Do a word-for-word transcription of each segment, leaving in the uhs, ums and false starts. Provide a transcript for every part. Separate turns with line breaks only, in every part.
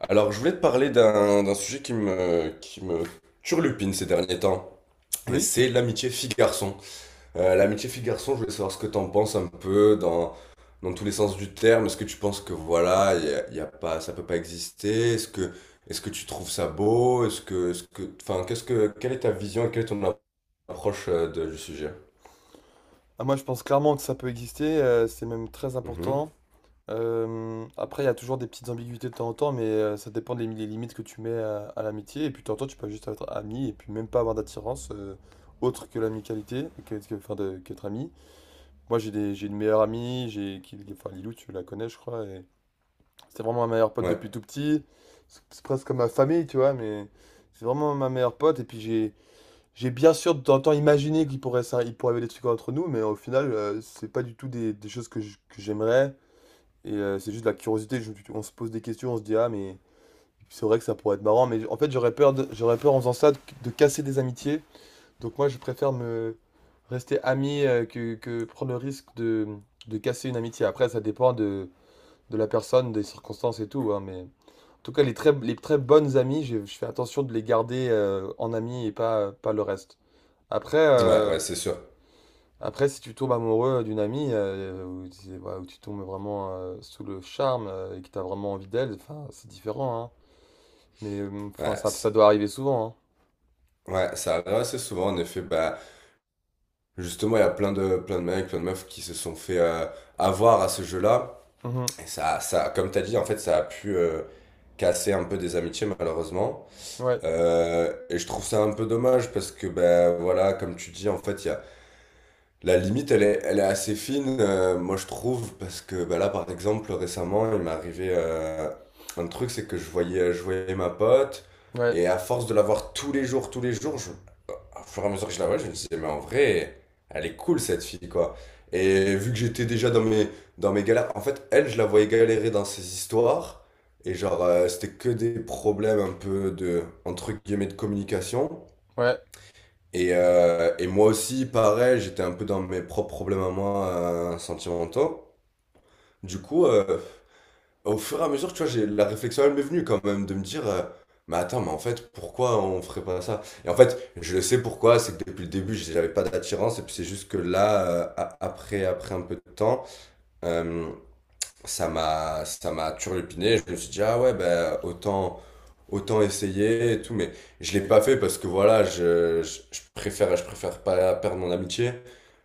Alors, je voulais te parler d'un d'un sujet qui me, qui me turlupine ces derniers temps, et
Oui,
c'est l'amitié fille-garçon. Euh, l'amitié fille-garçon, je voulais savoir ce que t'en penses un peu dans, dans tous les sens du terme. Est-ce que tu penses que voilà, y a, y a pas, ça peut pas exister? Est-ce que, est-ce que tu trouves ça beau? Est-ce que, est-ce que, enfin, qu'est-ce que, quelle est ta vision et quelle est ton approche euh, de- du sujet?
ah, moi je pense clairement que ça peut exister, euh, c'est même très
Mhm.
important. Euh, après, il y a toujours des petites ambiguïtés de temps en temps, mais euh, ça dépend des, des limites que tu mets à, à l'amitié. Et puis de temps en temps, tu peux juste être ami et puis même pas avoir d'attirance euh, autre que l'amicalité, que, que- enfin, de- qu'être ami. Moi j'ai des, j'ai une meilleure amie, j'ai, qui, enfin Lilou, tu la connais, je crois. Et c'est vraiment ma meilleure pote
Ouais,
depuis tout petit. C'est c'est presque comme ma famille, tu vois, mais c'est vraiment ma meilleure pote. Et puis j'ai. j'ai bien sûr de temps en temps imaginé qu'il pourrait, ça, il pourrait y avoir des trucs entre nous, mais au final, euh, c'est pas du tout des, des choses que je- que j'aimerais. Et euh, c'est juste de la curiosité. Je- on se pose des questions, on se dit, ah, mais c'est vrai que ça pourrait être marrant. Mais en fait, j'aurais peur, de- j'aurais peur en faisant ça de, de casser des amitiés. Donc moi, je préfère me rester ami euh, que, que prendre le risque de, de casser une amitié. Après, ça dépend de, de la personne, des circonstances et tout, hein, mais en tout cas, les très, les très bonnes amies, je, je fais attention de les garder euh, en amis et pas, pas le reste. Après.
ouais,
euh,
ouais, c'est sûr.
Après, si tu tombes amoureux d'une amie, euh, ou, tu- voilà, ou tu tombes vraiment euh, sous le charme euh, et que tu as vraiment envie d'elle, enfin, c'est différent, hein. Mais euh, enfin,
Ouais,
ça,
c'est-
ça doit arriver souvent,
ouais, ça arrive assez souvent, en effet. Bah, justement, il y a plein de, plein de mecs, plein de meufs qui se sont fait euh, avoir à ce jeu-là.
hein. Mhm.
Et ça, ça, comme tu as dit, en fait, ça a pu euh, casser un peu des amitiés, malheureusement.
Ouais,
Euh, et je trouve ça un peu dommage parce que, ben voilà, comme tu dis, en fait, il y a la limite, elle est, elle est assez fine, euh, moi je trouve, parce que bah, là, par exemple, récemment, il m'est arrivé euh, un truc, c'est que je voyais, je voyais ma pote,
ouais,
et à force de la voir tous les jours, tous les jours, je, au fur et à mesure que je la vois, je me disais, mais en vrai, elle est cool cette fille, quoi. Et vu que j'étais déjà dans mes, dans mes galères, en fait, elle, je la voyais galérer dans ses histoires, et genre, euh, c'était que des problèmes un peu de, entre guillemets, de communication.
ouais.
Et, euh, et moi aussi, pareil, j'étais un peu dans mes propres problèmes à moi euh, sentimentaux. Du coup, euh, au fur et à mesure, tu vois, j'ai la réflexion, elle m'est venue quand même de me dire, euh, mais attends, mais en fait, pourquoi on ferait pas ça? Et en fait, je le sais pourquoi, c'est que depuis le début, j'avais pas d'attirance, et puis c'est juste que là, euh, a- après, après un peu de temps, euh, ça m'a ça m'a turlupiné. Je me suis dit, ah ouais, ben autant, autant essayer et tout. Mais je l'ai pas fait parce que voilà, je, je, je préfère, je préfère pas perdre mon amitié.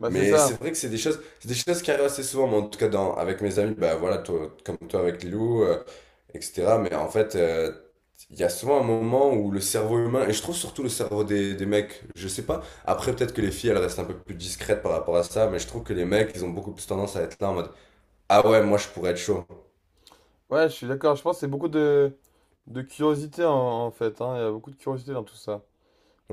Bah, c'est
Mais c'est
ça.
vrai que c'est des choses, c'est des choses qui arrivent assez souvent. Mais en tout cas, dans, avec mes amis, ben voilà, toi- comme toi avec Lilou, euh, et cetera. Mais en fait, euh, il y a souvent un moment où le cerveau humain, et je trouve surtout le cerveau des, des mecs, je sais pas. Après, peut-être que les filles, elles restent un peu plus discrètes par rapport à ça, mais je trouve que les mecs, ils ont beaucoup plus tendance à être là en mode. Ah ouais, moi je pourrais être chaud.
Ouais, je suis d'accord. Je pense que c'est beaucoup de, de curiosité, en, en fait, hein. Il y a beaucoup de curiosité dans tout ça.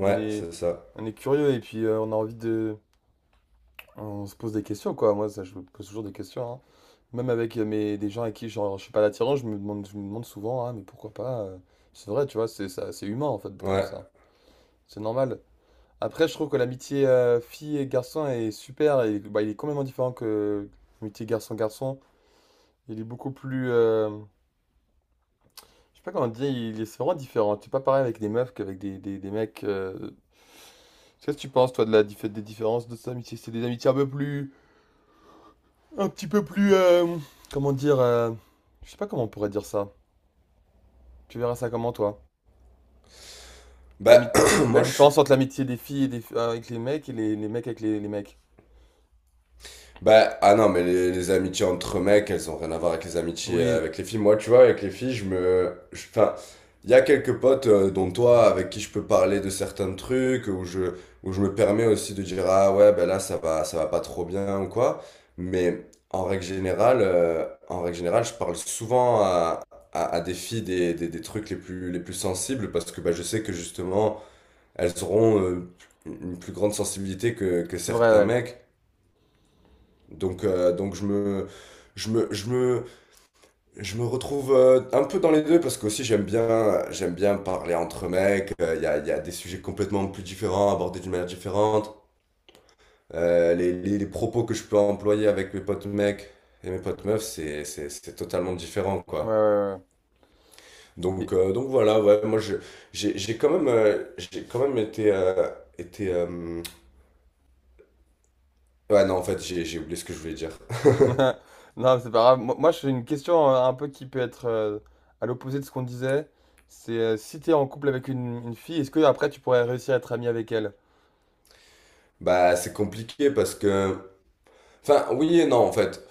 On est,
c'est ça.
on est curieux et puis euh, on a envie de... On se pose des questions, quoi. Moi, ça, je me pose toujours des questions, hein. Même avec euh, mes, des gens avec qui genre, je suis pas l'attirance, je me demande, je me demande souvent, ah, mais pourquoi pas euh, c'est vrai, tu vois, c'est ça, c'est humain en fait d'être comme
Ouais.
ça. C'est normal. Après, je trouve que l'amitié euh, fille et garçon est super. Et, bah, il est complètement différent que l'amitié garçon-garçon. Il est beaucoup plus. Euh, je sais pas comment dire, il est c'est vraiment différent. C'est pas pareil avec des meufs qu'avec des, des, des mecs. euh, Qu'est-ce que tu penses, toi, de la dif- des différences de ces amitiés? C'est des amitiés un peu plus. Un petit peu plus. Euh, comment dire euh, Je sais pas comment on pourrait dire ça. Tu verras ça comment, toi? L'ami-
Bah,
La
moi je suis.
différence entre l'amitié des filles et des... avec les mecs et les, les mecs avec les... les mecs.
Bah, ah non, mais les, les amitiés entre mecs, elles ont rien à voir avec les amitiés euh,
Oui,
avec les filles. Moi, tu vois, avec les filles, je me. je- enfin, il y a quelques potes, euh, dont toi, avec qui je peux parler de certains trucs, où je, où je me permets aussi de dire, ah ouais, bah là, ça va, ça va pas trop bien ou quoi. Mais en règle générale, euh, en règle générale, je parle souvent à, à, à des filles des, des, des trucs les plus, les plus sensibles parce que bah, je sais que justement elles auront euh, une plus grande sensibilité que, que
c'est vrai,
certains
ouais.
mecs. Donc, euh, donc je me, je me, je me, je me retrouve euh, un peu dans les deux parce qu'aussi j'aime bien, j'aime bien parler entre mecs. Euh, Il y a, y a des sujets complètement plus différents, abordés d'une manière différente. Euh, les, les, les propos que je peux employer avec mes potes mecs et mes potes meufs, c'est, c'est, c'est totalement différent,
Ouais, ouais,
quoi.
ouais, ouais. Et-
Donc, euh, donc voilà, ouais, moi je, j'ai, j'ai quand même, euh, j'ai quand même été, euh, été euh, ouais, non, en fait, j'ai, j'ai oublié ce que je voulais dire.
Non, mais c'est pas grave. Moi, moi, j'ai une question euh, un peu qui peut être euh, à l'opposé de ce qu'on disait. C'est euh, si t'es en couple avec une, une fille, est-ce que après tu pourrais réussir à être ami avec elle?
Bah, c'est compliqué parce que… enfin, oui et non, en fait.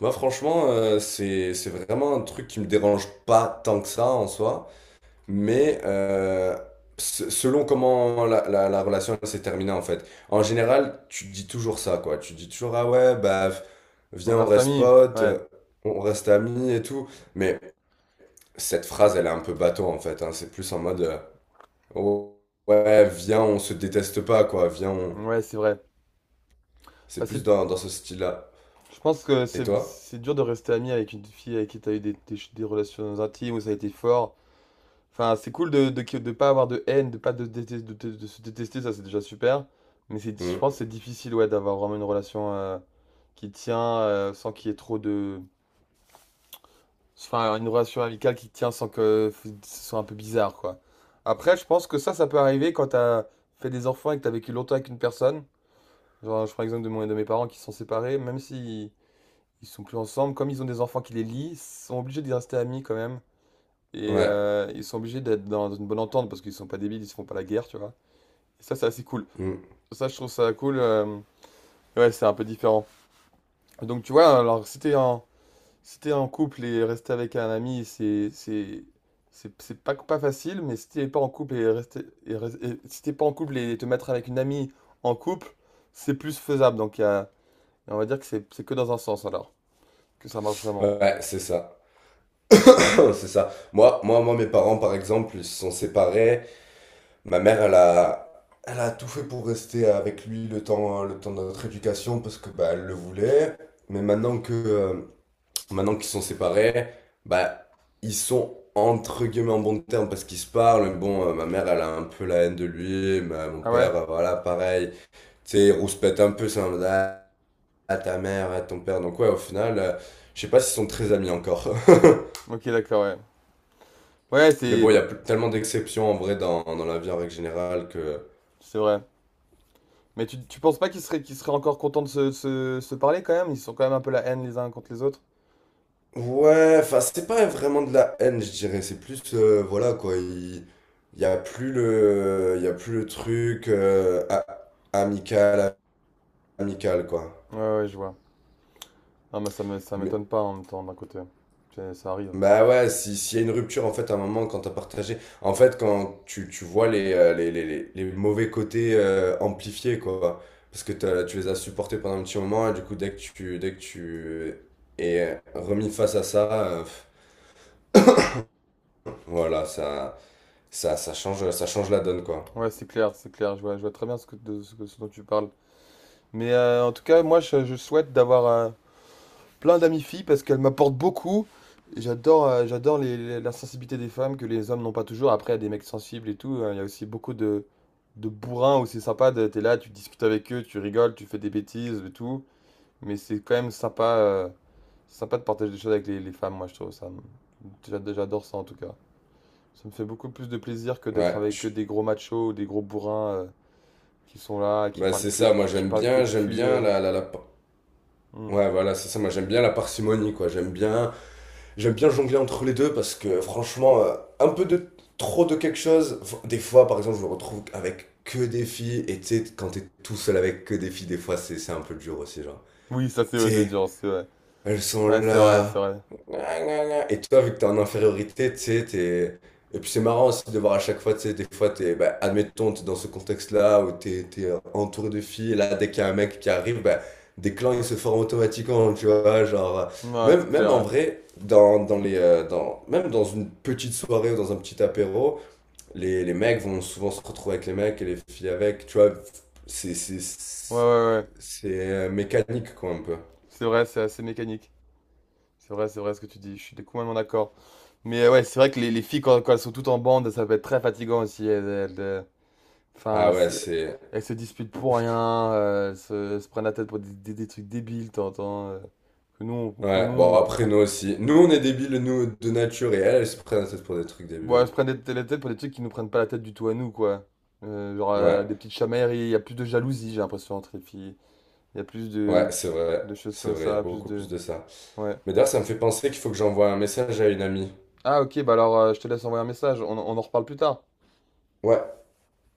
Moi, franchement, euh, c'est, c'est vraiment un truc qui me dérange pas tant que ça en soi. Mais euh, se- selon comment la, la, la relation s'est terminée, en fait. En général, tu dis toujours ça, quoi. Tu dis toujours, ah ouais, bah,
On
viens, on
reste
reste
ami?
potes, euh,
Ouais.
on reste amis et tout. Mais cette phrase, elle est un peu bateau, en fait, hein. C'est plus en mode, euh, oh, ouais, viens, on se déteste pas, quoi. Viens, on…
Ouais, c'est vrai. Bah,
c'est plus
c'est-
dans, dans ce style-là.
je pense que
Et
c'est
toi?
c'est dur de rester ami avec une fille avec qui t'as eu des, des- des relations intimes où ça a été fort. Enfin, c'est cool de, de, de pas avoir de haine, de pas de, détester- de, de- de se détester, ça c'est déjà super. Mais c'est, je
Mm.
pense que c'est difficile ouais, d'avoir vraiment une relation euh, qui tient euh, sans qu'il y ait trop de. Enfin, une relation amicale qui tient sans que ce soit un peu bizarre, quoi. Après, je pense que ça, ça peut arriver quand t'as fait des enfants et que t'as vécu longtemps avec une personne. Genre, je prends l'exemple de, mon- de mes parents qui sont séparés, même s'ils ils sont plus ensemble, comme ils ont des enfants qui les lient, ils sont obligés d'y rester amis quand même. Et
Ouais.
euh, ils sont obligés d'être dans une bonne entente parce qu'ils sont pas débiles, ils se font pas la guerre, tu vois. Ça, c'est assez cool.
Mm.
Ça, je trouve ça cool. euh, Ouais, c'est un peu différent. Donc, tu vois, alors, si t'es en, si t'es en couple et rester avec un ami, c'est, c'est, c'est, c'est pas, pas facile, mais si t'es pas en couple et rester, et, res- et si t'es pas en couple et te mettre avec une amie en couple, c'est plus faisable. Donc, il y a- on va dire que c'est, c'est que dans un sens, alors, que ça marche vraiment.
Ouais, ouais, c'est ça.
Ouais.
C'est ça. Moi, moi, moi, mes parents, par exemple, ils se sont séparés. Ma mère, elle a, elle a tout fait pour rester avec lui le temps, hein, le temps de notre éducation parce que bah, elle le voulait. Mais maintenant que, euh, maintenant qu'ils sont séparés, bah, ils sont entre guillemets en bon terme parce qu'ils se parlent, mais bon, euh, ma mère, elle a un peu la haine de lui. Ma- mon
Ah ouais?
père, euh, voilà, pareil. Tu sais, il rouspète un peu. C'est un… à ta mère, à ton père. Donc ouais, au final, euh, je sais pas s'ils sont très amis encore.
Ok, d'accord, ouais. Ouais,
Mais bon, il
c'est,
y a pl- tellement d'exceptions en vrai dans, dans la vie en règle générale que…
c'est vrai. Mais tu, tu penses pas qu'ils seraient, qu'ils seraient encore contents de se, se, se parler quand même? Ils sont quand même un peu la haine les uns contre les autres?
Ouais, enfin, c'est pas vraiment de la haine, je dirais. C'est plus, euh, voilà, quoi. Il il y a plus le, il y a plus le truc euh, a- amical, amical, quoi.
Ouais, ouais, je vois. Ah, mais ça me, ça
Mais,
m'étonne pas en même temps d'un côté. C'est- Ça arrive.
bah ouais, si, s'il y a une rupture, en fait, à un moment, quand t'as partagé, en fait, quand tu, tu vois les, euh, les, les, les les mauvais côtés euh, amplifiés, quoi. Parce que t'as- tu les as supportés pendant un petit moment, et du coup, dès que tu, dès que tu es remis face à ça, euh, pff, voilà, ça, ça, ça change, ça change la donne, quoi.
Ouais, c'est clair, c'est clair. Je vois, je vois très bien ce que, de, ce que- ce dont tu parles. Mais euh, en tout cas, moi, je, je souhaite d'avoir euh, plein d'amies filles parce qu'elles m'apportent beaucoup. Et j'adore, euh, j'adore les- les- la sensibilité des femmes que les hommes n'ont pas toujours. Après, il y a des mecs sensibles et tout, hein, il y a aussi beaucoup de, de bourrins où c'est sympa. de- T'es là, tu discutes avec eux, tu rigoles, tu fais des bêtises et tout. Mais c'est quand même sympa, euh, sympa de partager des choses avec les, les femmes. Moi, je trouve ça. J'ad- J'adore ça en tout cas. Ça me fait beaucoup plus de plaisir que d'être
Ouais,
avec que
je
des gros machos ou des gros bourrins euh, qui sont là, qui
bah
parlent
c'est
que
ça,
de,
moi,
cu- qui
j'aime
parlent que
bien,
de
j'aime
cul.
bien
euh.
la, la, la…
Hmm.
ouais, voilà, c'est ça, moi, j'aime bien la parcimonie, quoi. J'aime bien… j'aime bien jongler entre les deux parce que franchement, euh, un peu de trop de quelque chose. Des fois, par exemple, je me retrouve avec que des filles et tu sais, quand t'es tout seul avec que des filles, des fois, c'est c'est un peu dur aussi, genre.
Oui, ça c'est
Tu
vrai, c'est
sais,
dur, c'est vrai.
elles sont
Ouais, c'est vrai, c'est
là.
vrai.
Gna, gna, gna. Et toi, vu que t'es en infériorité, tu sais, t'es… et puis c'est marrant aussi de voir à chaque fois, tu sais, des fois, t'es, bah, admettons, t'es dans ce contexte-là où t'es, t'es entouré de filles, et là, dès qu'il y a un mec qui arrive, bah, des clans, ils se forment automatiquement, tu vois, genre… euh,
Ouais, c'est
même, même en
clair.
vrai, dans, dans les, euh, dans, même dans une petite soirée ou dans un petit apéro, les, les mecs vont souvent se retrouver avec les mecs et les filles avec, tu vois, c'est… C'est c'est-
Ouais, ouais, ouais, ouais.
c'est, euh, mécanique, quoi, un peu.
C'est vrai, c'est assez mécanique. C'est vrai, c'est vrai ce que tu dis. Je suis complètement d'accord. Mais euh, ouais, c'est vrai que les, les filles, quand, quand elles sont toutes en bande, ça peut être très fatigant aussi. Elles, elles, euh, enfin,
Ah ouais,
c'est-
c'est…
Elles se disputent pour rien, euh, elles se, elles se prennent la tête pour des, des- des trucs débiles, t'entends, euh, que nous, on, que nous,
ouais, bon,
on
après,
comprend.
nous aussi. Nous, on est débiles, nous, de nature, et elle, elle se prend la tête pour des trucs
Bon, elles
débiles.
se prennent des- la tête pour des trucs qui nous prennent pas la tête du tout à nous, quoi. Euh, genre euh,
Ouais,
des petites chamailleries, il y a plus de jalousie, j'ai l'impression, entre les filles. Il y a plus de,
ouais, c'est vrai.
de choses
C'est
comme
vrai, il y a
ça, plus
beaucoup
de...
plus de ça.
Ouais.
Mais d'ailleurs, ça me fait penser qu'il faut que j'envoie un message à une amie.
Ah, ok, bah alors euh, je te laisse envoyer un message, on, on en reparle plus tard.
Ouais.